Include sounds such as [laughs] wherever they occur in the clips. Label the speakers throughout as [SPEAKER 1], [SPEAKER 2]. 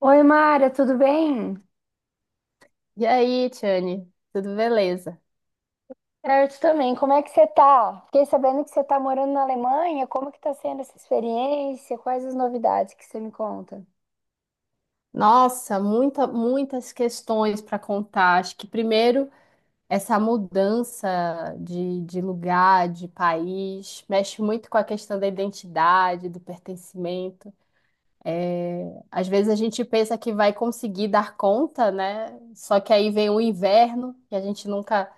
[SPEAKER 1] Oi, Mara, tudo bem?
[SPEAKER 2] E aí, Tiane, tudo beleza?
[SPEAKER 1] Certo também. Como é que você tá? Fiquei sabendo que você tá morando na Alemanha. Como que tá sendo essa experiência? Quais as novidades que você me conta?
[SPEAKER 2] Nossa, muitas questões para contar. Acho que primeiro essa mudança de lugar, de país, mexe muito com a questão da identidade, do pertencimento. Às vezes a gente pensa que vai conseguir dar conta, né? Só que aí vem o inverno, que a gente nunca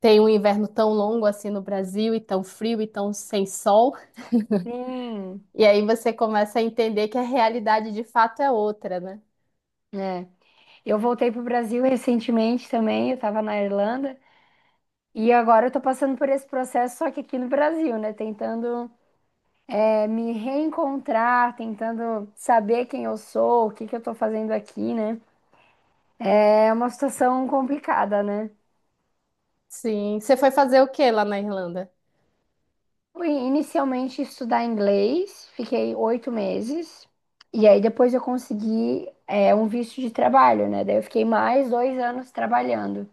[SPEAKER 2] tem um inverno tão longo assim no Brasil, e tão frio, e tão sem sol.
[SPEAKER 1] Sim,
[SPEAKER 2] E aí você começa a entender que a realidade de fato é outra, né?
[SPEAKER 1] é. Eu voltei pro Brasil recentemente também, eu tava na Irlanda. E agora eu tô passando por esse processo, só que aqui no Brasil, né? Tentando, me reencontrar, tentando saber quem eu sou, o que que eu tô fazendo aqui, né? É uma situação complicada, né?
[SPEAKER 2] Sim. Você foi fazer o que lá na Irlanda?
[SPEAKER 1] Fui inicialmente estudar inglês, fiquei 8 meses, e aí depois eu consegui um visto de trabalho, né? Daí eu fiquei mais 2 anos trabalhando.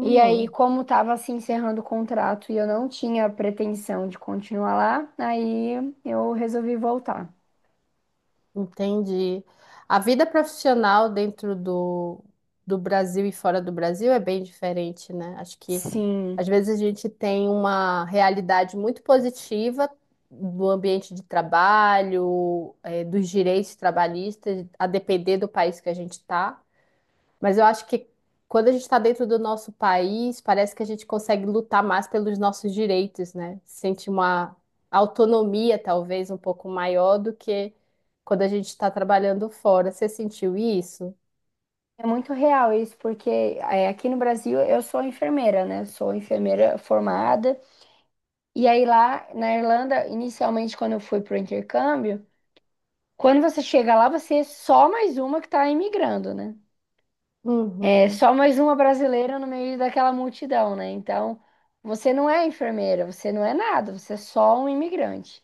[SPEAKER 1] E aí, como estava se encerrando o contrato e eu não tinha pretensão de continuar lá, aí eu resolvi voltar.
[SPEAKER 2] Entendi. A vida profissional do Brasil e fora do Brasil é bem diferente, né? Acho que às
[SPEAKER 1] Sim,
[SPEAKER 2] vezes a gente tem uma realidade muito positiva do ambiente de trabalho, dos direitos trabalhistas, a depender do país que a gente está. Mas eu acho que quando a gente está dentro do nosso país, parece que a gente consegue lutar mais pelos nossos direitos, né? Sente uma autonomia, talvez, um pouco maior do que quando a gente está trabalhando fora. Você sentiu isso?
[SPEAKER 1] é muito real isso, porque aqui no Brasil eu sou enfermeira, né? Sou enfermeira formada. E aí lá na Irlanda, inicialmente quando eu fui pro intercâmbio, quando você chega lá, você é só mais uma que está imigrando, né? É
[SPEAKER 2] Uhum,
[SPEAKER 1] só mais uma brasileira no meio daquela multidão, né? Então, você não é enfermeira, você não é nada, você é só um imigrante.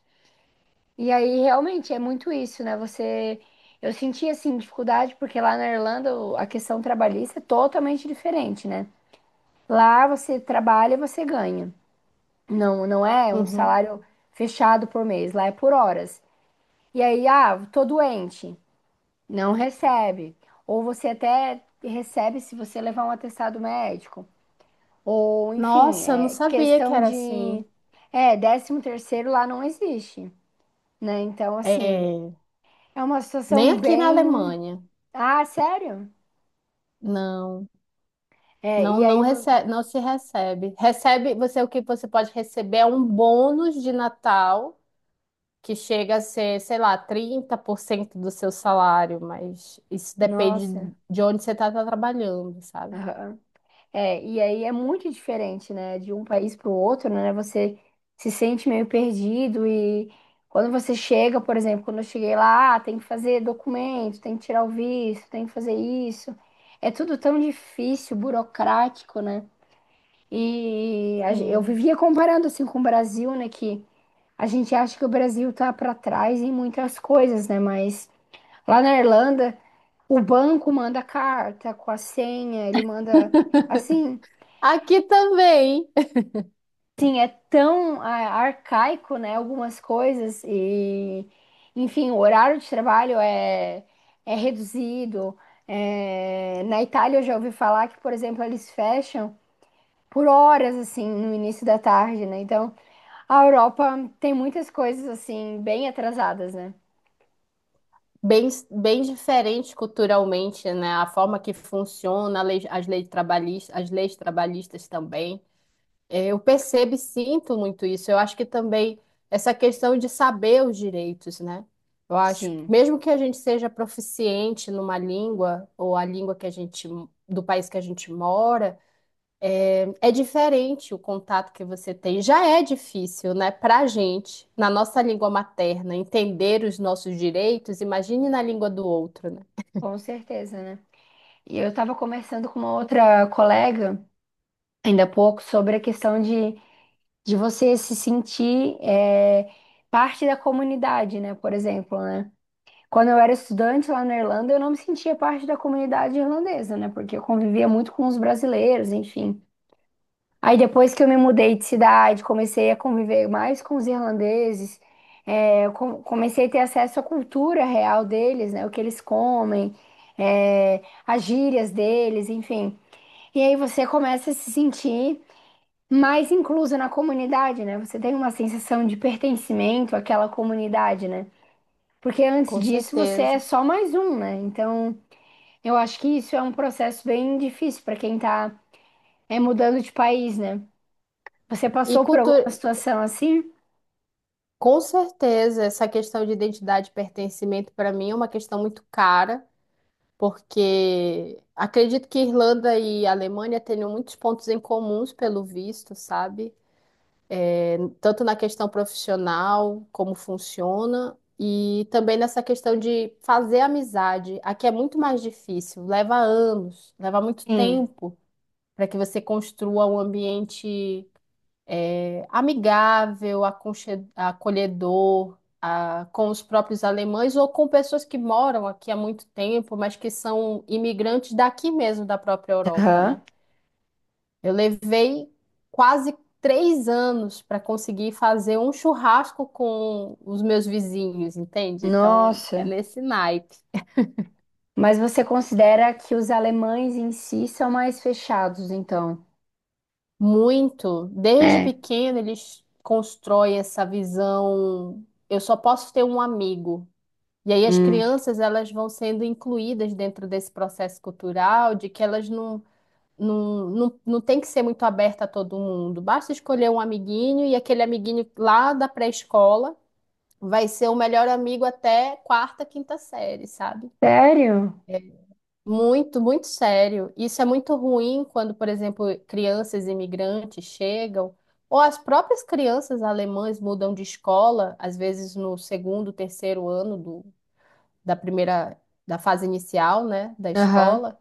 [SPEAKER 1] E aí, realmente, é muito isso, né? Você. Eu senti, assim, dificuldade, porque lá na Irlanda a questão trabalhista é totalmente diferente, né? Lá você trabalha e você ganha. Não, não é um
[SPEAKER 2] uhum.
[SPEAKER 1] salário fechado por mês, lá é por horas. E aí, ah, tô doente. Não recebe. Ou você até recebe se você levar um atestado médico. Ou, enfim,
[SPEAKER 2] Nossa, eu não
[SPEAKER 1] é
[SPEAKER 2] sabia que
[SPEAKER 1] questão
[SPEAKER 2] era
[SPEAKER 1] de.
[SPEAKER 2] assim.
[SPEAKER 1] É, décimo terceiro lá não existe, né? Então, assim,
[SPEAKER 2] É,
[SPEAKER 1] é uma
[SPEAKER 2] nem
[SPEAKER 1] situação
[SPEAKER 2] aqui na
[SPEAKER 1] bem.
[SPEAKER 2] Alemanha.
[SPEAKER 1] Ah, sério?
[SPEAKER 2] Não,
[SPEAKER 1] É, e
[SPEAKER 2] não
[SPEAKER 1] aí.
[SPEAKER 2] recebe, não se recebe. Recebe, você o que você pode receber é um bônus de Natal, que chega a ser, sei lá, 30% do seu salário, mas isso depende
[SPEAKER 1] Nossa.
[SPEAKER 2] de onde você está trabalhando, sabe?
[SPEAKER 1] É, e aí é muito diferente, né? De um país para o outro, né? Você se sente meio perdido e quando você chega, por exemplo, quando eu cheguei lá, ah, tem que fazer documento, tem que tirar o visto, tem que fazer isso. É tudo tão difícil, burocrático, né? Eu
[SPEAKER 2] Sim.
[SPEAKER 1] vivia comparando assim com o Brasil, né? Que a gente acha que o Brasil tá para trás em muitas coisas, né? Mas lá na Irlanda, o banco manda carta com a senha, ele manda assim.
[SPEAKER 2] Aqui também,
[SPEAKER 1] Tão ah, arcaico, né, algumas coisas e, enfim, o horário de trabalho é reduzido. É, na Itália eu já ouvi falar que, por exemplo, eles fecham por horas, assim, no início da tarde, né? Então, a Europa tem muitas coisas, assim, bem atrasadas, né?
[SPEAKER 2] bem diferente culturalmente, né? A forma que funciona as leis trabalhistas também. É, eu percebo e sinto muito isso. Eu acho que também essa questão de saber os direitos, né? Eu acho que
[SPEAKER 1] Sim,
[SPEAKER 2] mesmo que a gente seja proficiente numa língua ou a língua que a gente do país que a gente mora, é diferente o contato que você tem. Já é difícil, né, pra gente, na nossa língua materna, entender os nossos direitos, imagine na língua do outro, né?
[SPEAKER 1] com certeza, né? E eu estava conversando com uma outra colega ainda há pouco sobre a questão de você se sentir parte da comunidade, né? Por exemplo, né? Quando eu era estudante lá na Irlanda, eu não me sentia parte da comunidade irlandesa, né? Porque eu convivia muito com os brasileiros, enfim. Aí depois que eu me mudei de cidade, comecei a conviver mais com os irlandeses, comecei a ter acesso à cultura real deles, né? O que eles comem, as gírias deles, enfim. E aí você começa a se sentir mais inclusa na comunidade, né? Você tem uma sensação de pertencimento àquela comunidade, né? Porque antes
[SPEAKER 2] Com
[SPEAKER 1] disso você é
[SPEAKER 2] certeza.
[SPEAKER 1] só mais um, né? Então, eu acho que isso é um processo bem difícil para quem tá mudando de país, né? Você
[SPEAKER 2] E
[SPEAKER 1] passou por
[SPEAKER 2] cultura,
[SPEAKER 1] alguma situação assim?
[SPEAKER 2] com certeza, essa questão de identidade e pertencimento para mim é uma questão muito cara, porque acredito que Irlanda e Alemanha tenham muitos pontos em comuns pelo visto, sabe? Tanto na questão profissional, como funciona, e também nessa questão de fazer amizade. Aqui é muito mais difícil, leva anos, leva muito
[SPEAKER 1] Sim.
[SPEAKER 2] tempo para que você construa um ambiente amigável, acolhedor, com os próprios alemães ou com pessoas que moram aqui há muito tempo, mas que são imigrantes daqui mesmo, da própria Europa,
[SPEAKER 1] Aham.
[SPEAKER 2] né? Eu levei quase 3 anos para conseguir fazer um churrasco com os meus vizinhos, entende? Então,
[SPEAKER 1] Nossa.
[SPEAKER 2] é nesse naipe.
[SPEAKER 1] Mas você considera que os alemães em si são mais fechados, então?
[SPEAKER 2] Muito. Desde
[SPEAKER 1] É.
[SPEAKER 2] pequeno, eles constroem essa visão. Eu só posso ter um amigo. E aí as
[SPEAKER 1] Hum.
[SPEAKER 2] crianças elas vão sendo incluídas dentro desse processo cultural, de que elas não tem que ser muito aberta a todo mundo. Basta escolher um amiguinho e aquele amiguinho lá da pré-escola vai ser o melhor amigo até quarta, quinta série, sabe?
[SPEAKER 1] Sério?
[SPEAKER 2] Muito, muito sério. Isso é muito ruim quando, por exemplo, crianças imigrantes chegam, ou as próprias crianças alemãs mudam de escola, às vezes no segundo, terceiro ano do da primeira, da fase inicial, né, da
[SPEAKER 1] Aham.
[SPEAKER 2] escola,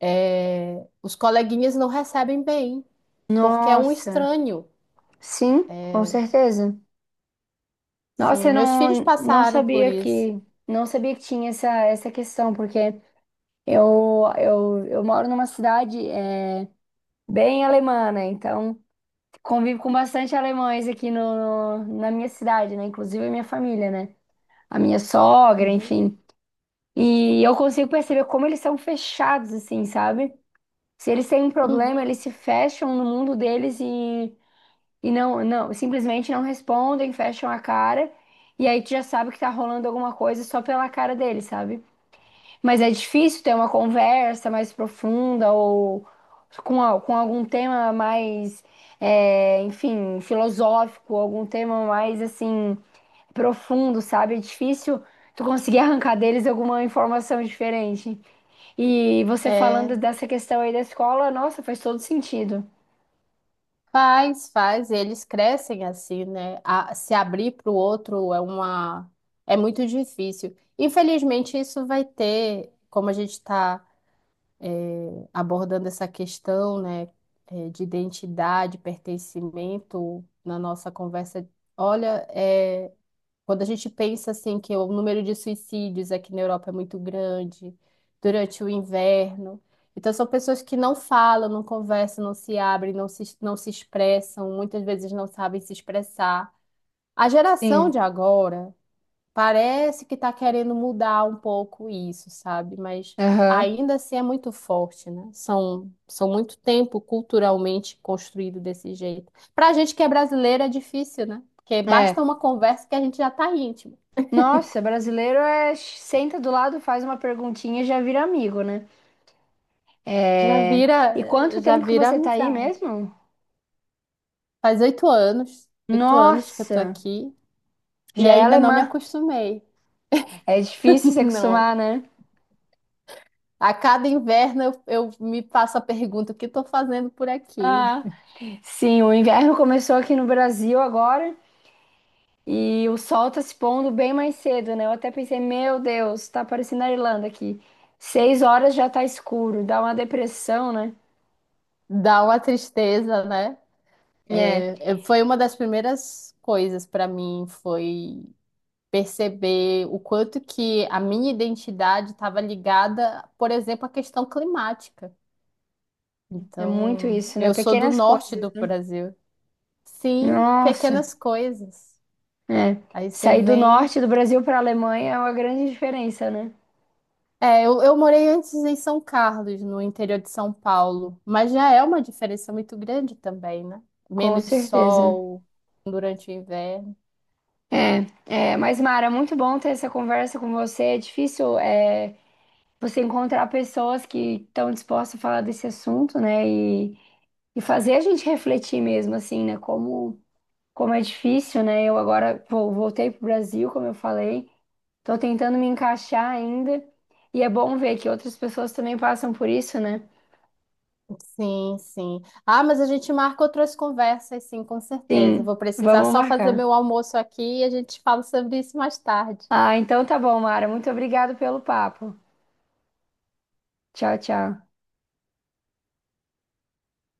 [SPEAKER 2] é, os coleguinhas não recebem bem, porque é um
[SPEAKER 1] Nossa.
[SPEAKER 2] estranho.
[SPEAKER 1] Sim, com certeza. Nossa,
[SPEAKER 2] Sim,
[SPEAKER 1] eu
[SPEAKER 2] meus filhos
[SPEAKER 1] não, não
[SPEAKER 2] passaram por
[SPEAKER 1] sabia
[SPEAKER 2] isso.
[SPEAKER 1] que não sabia que tinha essa questão, porque eu moro numa cidade bem alemã, né? Então convivo com bastante alemães aqui na minha cidade, né? Inclusive a minha família, né? A minha sogra,
[SPEAKER 2] Uhum.
[SPEAKER 1] enfim. E eu consigo perceber como eles são fechados, assim, sabe? Se eles têm um problema, eles
[SPEAKER 2] Uhum.
[SPEAKER 1] se fecham no mundo deles e não, simplesmente não respondem, fecham a cara, e aí tu já sabe que tá rolando alguma coisa só pela cara dele, sabe? Mas é difícil ter uma conversa mais profunda ou com, com algum tema mais, enfim, filosófico, algum tema mais assim, profundo, sabe? É difícil tu conseguir [laughs] arrancar deles alguma informação diferente. E você falando
[SPEAKER 2] É,
[SPEAKER 1] dessa questão aí da escola, nossa, faz todo sentido.
[SPEAKER 2] faz, faz, eles crescem assim, né? A- se abrir para o outro é é muito difícil. Infelizmente, isso vai ter, como a gente está abordando essa questão, né, de identidade, pertencimento na nossa conversa. Olha, quando a gente pensa assim que o número de suicídios aqui na Europa é muito grande durante o inverno, então são pessoas que não falam, não conversam, não se abrem, não se expressam, muitas vezes não sabem se expressar. A geração
[SPEAKER 1] Sim.
[SPEAKER 2] de agora parece que está querendo mudar um pouco isso, sabe? Mas
[SPEAKER 1] Aham.
[SPEAKER 2] ainda assim é muito forte, né? São, são muito tempo culturalmente construído desse jeito. Para a gente que é brasileira é difícil, né? Porque basta
[SPEAKER 1] É.
[SPEAKER 2] uma conversa que a gente já está íntimo.
[SPEAKER 1] Nossa, brasileiro é senta do lado, faz uma perguntinha e já vira amigo, né? É... E quanto
[SPEAKER 2] Já
[SPEAKER 1] tempo que
[SPEAKER 2] vira
[SPEAKER 1] você tá aí
[SPEAKER 2] amizade.
[SPEAKER 1] mesmo?
[SPEAKER 2] Faz 8 anos, 8 anos que eu tô
[SPEAKER 1] Nossa,
[SPEAKER 2] aqui e
[SPEAKER 1] já é
[SPEAKER 2] ainda não me
[SPEAKER 1] alemã.
[SPEAKER 2] acostumei.
[SPEAKER 1] É difícil se
[SPEAKER 2] [laughs] Não.
[SPEAKER 1] acostumar, né?
[SPEAKER 2] A cada inverno eu me faço a pergunta: o que estou fazendo por aqui?
[SPEAKER 1] Ah, sim, o inverno começou aqui no Brasil agora e o sol tá se pondo bem mais cedo, né? Eu até pensei, meu Deus, tá parecendo a Irlanda aqui. 6 horas já tá escuro, dá uma depressão, né?
[SPEAKER 2] Dá uma tristeza, né?
[SPEAKER 1] É,
[SPEAKER 2] Foi uma das primeiras coisas para mim, foi perceber o quanto que a minha identidade estava ligada, por exemplo, à questão climática.
[SPEAKER 1] é muito
[SPEAKER 2] Então,
[SPEAKER 1] isso, né?
[SPEAKER 2] eu sou do
[SPEAKER 1] Pequenas
[SPEAKER 2] norte
[SPEAKER 1] coisas,
[SPEAKER 2] do
[SPEAKER 1] né?
[SPEAKER 2] Brasil. Sim,
[SPEAKER 1] Nossa.
[SPEAKER 2] pequenas coisas.
[SPEAKER 1] É.
[SPEAKER 2] Aí você
[SPEAKER 1] Sair do
[SPEAKER 2] vem.
[SPEAKER 1] norte do Brasil para a Alemanha é uma grande diferença, né?
[SPEAKER 2] É, eu morei antes em São Carlos, no interior de São Paulo, mas já é uma diferença muito grande também, né?
[SPEAKER 1] Com
[SPEAKER 2] Menos
[SPEAKER 1] certeza.
[SPEAKER 2] sol durante o inverno.
[SPEAKER 1] É, é, mas Mara, muito bom ter essa conversa com você. É difícil, é, você encontrar pessoas que estão dispostas a falar desse assunto, né? E fazer a gente refletir mesmo, assim, né? Como, como é difícil, né? Eu agora voltei para o Brasil, como eu falei, estou tentando me encaixar ainda. E é bom ver que outras pessoas também passam por isso, né?
[SPEAKER 2] Sim, sim. Ah, mas a gente marca outras conversas, sim, com certeza.
[SPEAKER 1] Sim,
[SPEAKER 2] Vou precisar
[SPEAKER 1] vamos
[SPEAKER 2] só fazer
[SPEAKER 1] marcar.
[SPEAKER 2] meu almoço aqui e a gente fala sobre isso mais tarde.
[SPEAKER 1] Ah, então tá bom, Mara. Muito obrigada pelo papo. Tchau, tchau.